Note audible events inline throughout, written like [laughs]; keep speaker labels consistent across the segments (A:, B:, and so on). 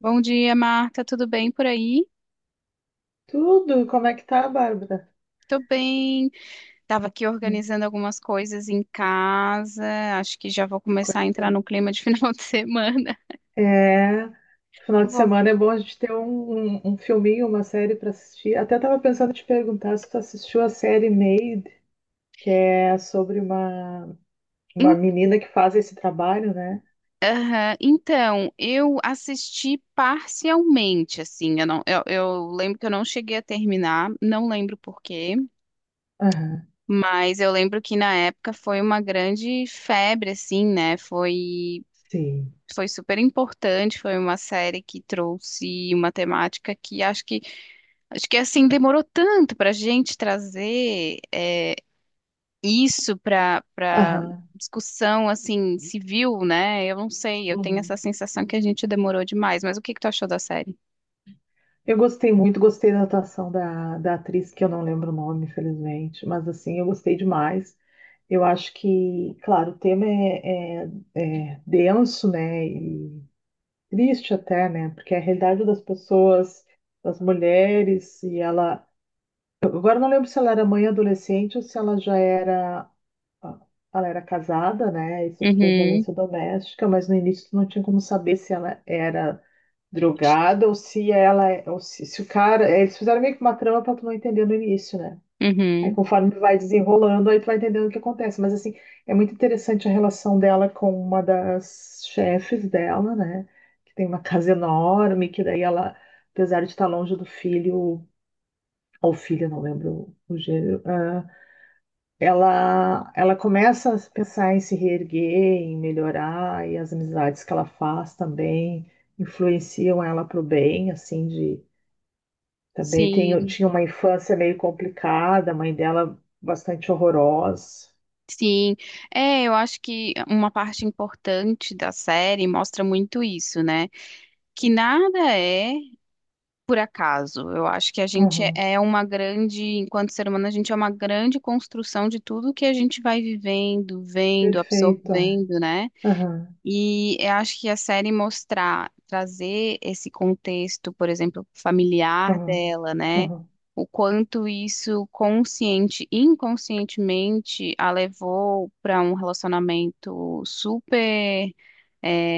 A: Bom dia, Marta. Tudo bem por aí?
B: Tudo, como é que tá, Bárbara?
A: Tô bem. Tava aqui
B: Hum.
A: organizando algumas coisas em casa. Acho que já vou começar a
B: Coisa
A: entrar
B: boa.
A: no clima de [laughs] final de semana.
B: É, final de
A: Vou-
B: semana é bom a gente ter um filminho, uma série pra assistir. Até tava pensando em te perguntar se tu assistiu a série Made, que é sobre
A: Em-
B: uma menina que faz esse trabalho, né?
A: Aham. Então, eu assisti parcialmente, assim, eu lembro que eu não cheguei a terminar, não lembro por quê,
B: Aham,
A: mas eu lembro que na época foi uma grande febre, assim, né?
B: sim.
A: Foi super importante, foi uma série que trouxe uma temática que. Acho que assim demorou tanto para a gente trazer isso para
B: Aham.
A: discussão assim civil, né? Eu não sei, eu tenho essa
B: Uhum.
A: sensação que a gente demorou demais. Mas o que que tu achou da série?
B: Eu gostei muito, gostei da atuação da atriz, que eu não lembro o nome, infelizmente, mas assim, eu gostei demais. Eu acho que, claro, o tema é denso, né? E triste até, né? Porque a realidade das pessoas, das mulheres, e ela. Eu Agora não lembro se ela era mãe adolescente ou se ela já era. ah, Ela era casada, né? E sofria
A: Uhum,
B: violência doméstica, mas no início tu não tinha como saber se ela era drogada ou se ela. Ou se o cara. Eles fizeram meio que uma trama pra tu não entender no início, né? Aí
A: uhum.
B: conforme vai desenrolando, aí tu vai entendendo o que acontece. Mas assim, é muito interessante a relação dela com uma das chefes dela, né? Que tem uma casa enorme, que daí ela, apesar de estar longe do filho, ou filha, não lembro o gênero, ela começa a pensar em se reerguer, em melhorar, e as amizades que ela faz também influenciam ela para o bem, assim, de também tem,
A: Sim,
B: tinha uma infância meio complicada, a mãe dela bastante horrorosa.
A: sim. É, eu acho que uma parte importante da série mostra muito isso, né? Que nada é por acaso. Eu acho que a gente
B: Aham,
A: é uma grande, enquanto ser humano, a gente é uma grande construção de tudo que a gente vai vivendo, vendo,
B: perfeito, é.
A: absorvendo, né?
B: Aham,
A: E eu acho que a série mostrar, trazer esse contexto, por exemplo, familiar
B: aham,
A: dela, né?
B: aham,
A: O quanto isso consciente e inconscientemente a levou para um relacionamento super é,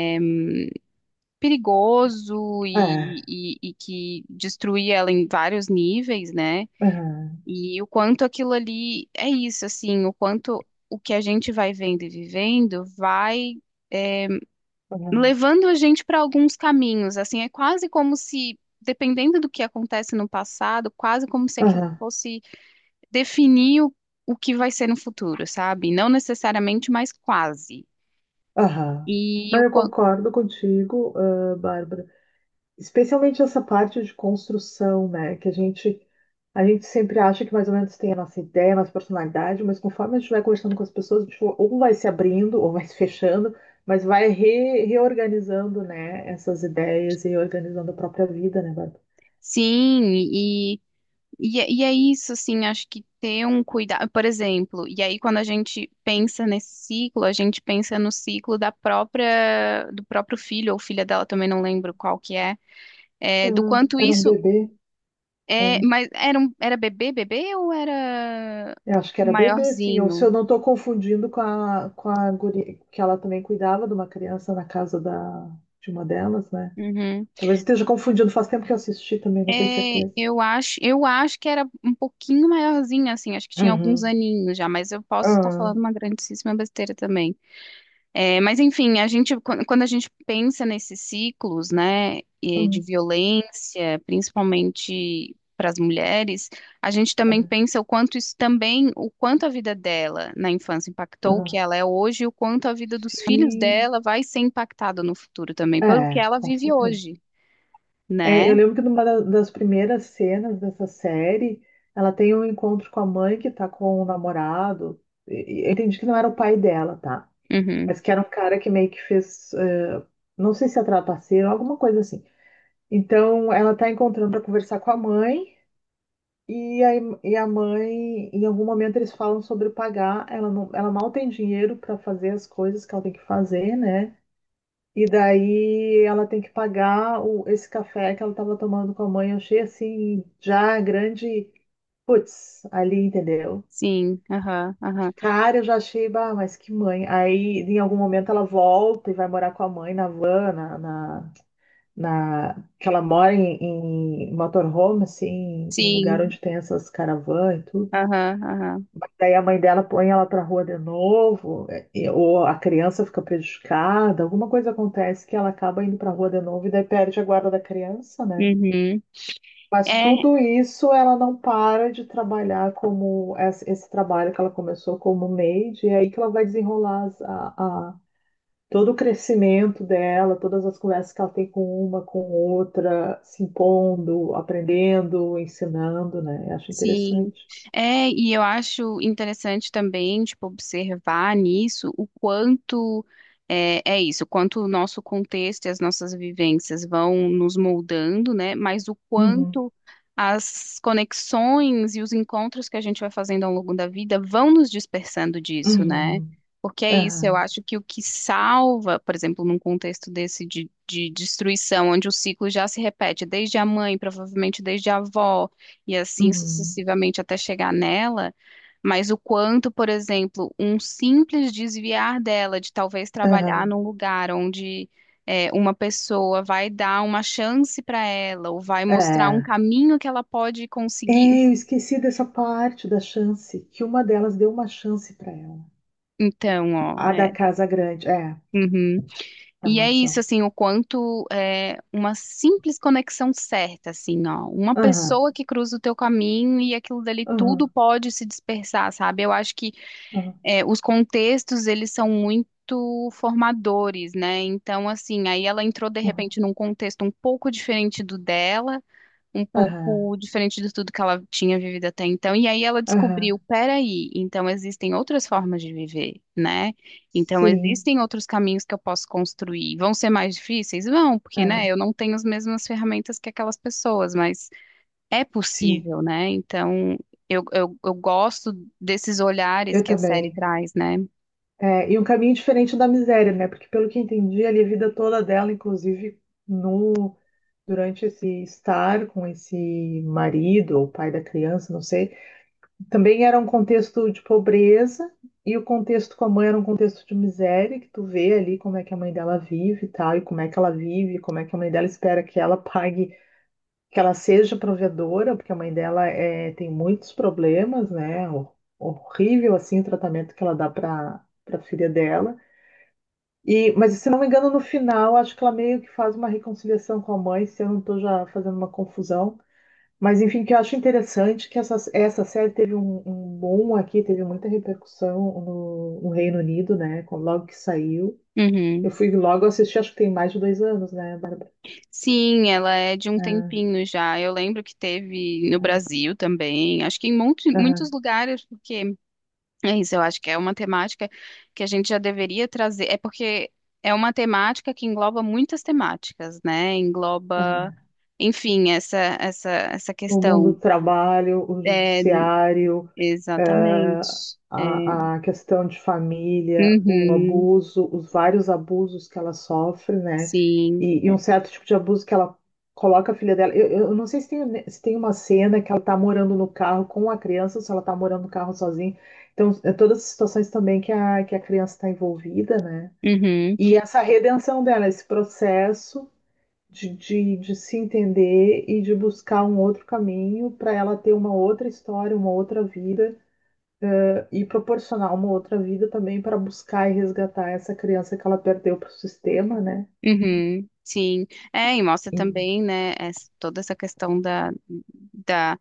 A: perigoso e,
B: é,
A: e, e que destruía ela em vários níveis, né?
B: aham,
A: E o quanto aquilo ali é isso, assim, o quanto o que a gente vai vendo e vivendo vai
B: aham,
A: levando a gente para alguns caminhos, assim, é quase como se, dependendo do que acontece no passado, quase como se aquilo
B: aham,
A: fosse definir o que vai ser no futuro, sabe? Não necessariamente, mas quase.
B: aham.
A: E
B: Não,
A: o,
B: eu
A: quan-
B: concordo contigo, Bárbara. Especialmente essa parte de construção, né? A gente sempre acha que mais ou menos tem a nossa ideia, a nossa personalidade, mas conforme a gente vai conversando com as pessoas, a gente ou vai se abrindo ou vai se fechando, mas vai reorganizando, né? Essas ideias e organizando a própria vida, né, Bárbara?
A: sim. E, e é isso, assim, acho que ter um cuidado, por exemplo, e aí quando a gente pensa nesse ciclo, a gente pensa no ciclo da própria, do próprio filho ou filha dela, também não lembro qual que é, do
B: Ah,
A: quanto
B: era um
A: isso
B: bebê.
A: é, mas era, era bebê, bebê ou era
B: Eu acho que era bebê, sim. Ou se eu
A: maiorzinho?
B: não estou confundindo com a guria, que ela também cuidava de uma criança na casa da, de uma delas, né?
A: Uhum.
B: Talvez eu esteja confundindo, faz tempo que eu assisti também, não tenho
A: É,
B: certeza.
A: eu acho que era um pouquinho maiorzinho, assim, acho que tinha alguns
B: Uhum.
A: aninhos já, mas eu posso estar
B: Ah,
A: falando uma grandíssima besteira também. É, mas enfim, quando a gente pensa nesses ciclos, né, e de
B: hum,
A: violência, principalmente para as mulheres, a gente também
B: ah,
A: pensa o quanto isso também, o quanto a vida dela na infância impactou o que
B: ah.
A: ela é hoje, e o quanto a vida dos filhos
B: Sim,
A: dela vai ser impactada no futuro também, pelo que
B: é,
A: ela
B: com
A: vive
B: certeza.
A: hoje, né?
B: É, eu lembro que numa das primeiras cenas dessa série, ela tem um encontro com a mãe que tá com o namorado. Eu entendi que não era o pai dela, tá?
A: Uhum.
B: Mas que era um cara que meio que fez, não sei se é trapaceiro, alguma coisa assim. Então ela tá encontrando para conversar com a mãe e a, e a mãe, em algum momento eles falam sobre pagar, ela não, ela mal tem dinheiro para fazer as coisas que ela tem que fazer, né? E daí ela tem que pagar esse café que ela estava tomando com a mãe. Eu achei assim já grande, putz, ali, entendeu?
A: Sim, aham, aham.
B: Cara, eu já achei, bah, mas que mãe. Aí, em algum momento, ela volta e vai morar com a mãe na van, que ela mora em, em motorhome, assim, em lugar
A: Sim,
B: onde tem essas caravanas e tudo.
A: aham, aham.
B: Daí a mãe dela põe ela pra rua de novo, é, ou a criança fica prejudicada, alguma coisa acontece que ela acaba indo pra rua de novo e daí perde a guarda da criança, né?
A: Uhum.
B: Mas
A: É.
B: tudo isso ela não para de trabalhar como esse trabalho que ela começou como maid, e é aí que ela vai desenrolar a- todo o crescimento dela, todas as conversas que ela tem com uma, com outra, se impondo, aprendendo, ensinando, né? Eu acho
A: Sim.
B: interessante.
A: É, e eu acho interessante também, tipo, observar nisso o quanto é isso, o quanto o nosso contexto e as nossas vivências vão nos moldando, né? Mas o
B: Uhum,
A: quanto as conexões e os encontros que a gente vai fazendo ao longo da vida vão nos dispersando disso, né?
B: uhum,
A: Porque é isso, eu
B: aham,
A: acho que o que salva, por exemplo, num contexto desse de destruição, onde o ciclo já se repete desde a mãe, provavelmente desde a avó e assim
B: uhum,
A: sucessivamente até chegar nela, mas o quanto, por exemplo, um simples desviar dela de talvez trabalhar
B: aham.
A: num lugar onde uma pessoa vai dar uma chance para ela ou vai mostrar um
B: É.
A: caminho que ela pode conseguir.
B: É, eu esqueci dessa parte da chance, que uma delas deu uma chance para ela.
A: Então, ó,
B: A da
A: é.
B: casa grande, é,
A: Uhum.
B: da
A: E é isso,
B: mansão.
A: assim, o quanto é uma simples conexão certa, assim, ó, uma
B: Aham,
A: pessoa que cruza o teu caminho e aquilo dali
B: aham,
A: tudo pode se dispersar, sabe? Eu acho que
B: aham,
A: os contextos, eles são muito formadores, né? Então, assim, aí ela entrou de
B: aham,
A: repente num contexto um pouco diferente do dela, um
B: aham,
A: pouco diferente de tudo que ela tinha vivido até então, e aí ela descobriu,
B: aham.
A: peraí, então existem outras formas de viver, né? Então
B: Sim,
A: existem outros caminhos que eu posso construir. Vão ser mais difíceis? Vão, porque, né,
B: ah,
A: eu não tenho as mesmas ferramentas que aquelas pessoas, mas é
B: sim,
A: possível, né? Então, eu gosto desses olhares
B: eu
A: que a série
B: também.
A: traz, né?
B: É, e um caminho diferente da miséria, né? Porque pelo que entendi, ali a vida toda dela, inclusive no, durante esse estar com esse marido ou pai da criança, não sei, também era um contexto de pobreza e o contexto com a mãe era um contexto de miséria, que tu vê ali como é que a mãe dela vive e tal, e como é que ela vive, como é que a mãe dela espera que ela pague que ela seja provedora, porque a mãe dela é, tem muitos problemas, né? Horrível assim o tratamento que ela dá para filha dela. E, mas se não me engano, no final, acho que ela meio que faz uma reconciliação com a mãe, se eu não estou já fazendo uma confusão. Mas enfim, que eu acho interessante é que essa série teve um boom aqui, teve muita repercussão no Reino Unido, né? Logo que saiu. Eu
A: Uhum.
B: fui logo assistir, acho que tem mais de dois anos, né, Bárbara?
A: Sim, ela é de um
B: Ah,
A: tempinho já. Eu lembro que teve no
B: ah,
A: Brasil também, acho que em muitos
B: aham,
A: lugares, porque é isso, eu acho que é uma temática que a gente já deveria trazer. É porque é uma temática que engloba muitas temáticas, né? Engloba,
B: aham.
A: enfim, essa
B: O mundo
A: questão.
B: do trabalho, o
A: É,
B: judiciário,
A: exatamente. É.
B: a questão de família, o
A: Uhum.
B: abuso, os vários abusos que ela sofre, né?
A: Sim,
B: E
A: é.
B: um certo tipo de abuso que ela coloca a filha dela. Eu não sei se tem, se tem uma cena que ela tá morando no carro com a criança, ou se ela tá morando no carro sozinha. Então, é todas as situações também que que a criança está envolvida, né?
A: Uhum,
B: E essa redenção dela, esse processo de se entender e de buscar um outro caminho para ela ter uma outra história, uma outra vida e proporcionar uma outra vida também para buscar e resgatar essa criança que ela perdeu para o sistema, né?
A: uhum, sim, é, e mostra
B: E-
A: também, né, toda essa questão da,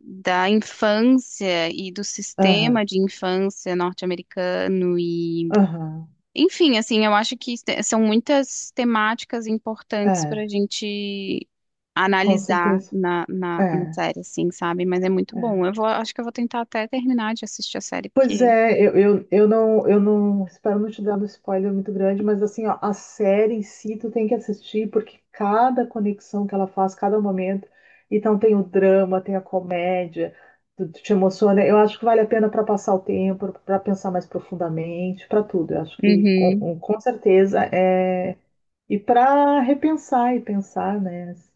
A: da infância e do
B: Aham,
A: sistema de infância norte-americano e,
B: aham,
A: enfim, assim, eu acho que são muitas temáticas importantes para a
B: é,
A: gente
B: com
A: analisar
B: certeza.
A: na
B: É,
A: série, assim, sabe, mas é muito bom,
B: é.
A: eu vou, acho que eu vou tentar até terminar de assistir a série,
B: Pois
A: porque...
B: é, eu não espero não te dar um spoiler muito grande, mas assim, ó, a série em si tu tem que assistir, porque cada conexão que ela faz, cada momento, então tem o drama, tem a comédia, tu te emociona. Eu acho que vale a pena para passar o tempo, para pensar mais profundamente, para tudo. Eu acho que
A: Uhum.
B: com certeza é. E para repensar e pensar, né, as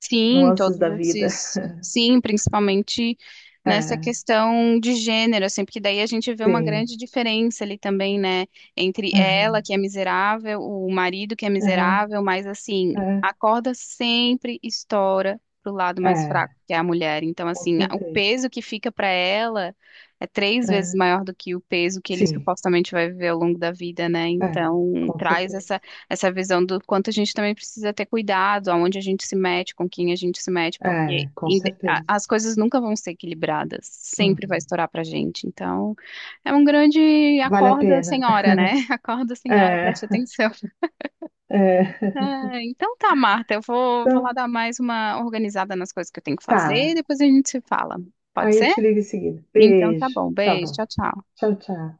A: Sim,
B: nuances
A: todos
B: da vida.
A: esses, sim, principalmente nessa
B: É,
A: questão de gênero, assim, porque daí a gente vê uma
B: sim.
A: grande diferença ali também, né, entre ela,
B: Aham,
A: que é miserável, o marido que é
B: aham,
A: miserável, mas assim, a corda sempre estoura pro lado
B: é,
A: mais
B: é,
A: fraco, que é a mulher. Então,
B: com
A: assim, o
B: certeza.
A: peso que fica para ela é 3 vezes
B: É,
A: maior do que o peso que ele
B: sim,
A: supostamente vai viver ao longo da vida, né?
B: é,
A: Então,
B: com
A: traz
B: certeza.
A: essa visão do quanto a gente também precisa ter cuidado, aonde a gente se mete, com quem a gente se mete, porque
B: É, com certeza.
A: as coisas nunca vão ser equilibradas, sempre vai
B: Uhum.
A: estourar pra gente. Então, é um grande
B: Vale a
A: acorda,
B: pena.
A: senhora,
B: [laughs]
A: né? [laughs] Acorda, senhora,
B: É,
A: preste atenção. [laughs]
B: é.
A: Ah, então tá, Marta, vou
B: Então,
A: lá dar mais uma organizada nas coisas que eu tenho que fazer, e
B: tá.
A: depois a gente se fala. Pode
B: Aí eu
A: ser?
B: te ligo em seguida.
A: Então tá
B: Beijo.
A: bom.
B: Tá
A: Beijo,
B: bom.
A: tchau, tchau.
B: Tchau, tchau.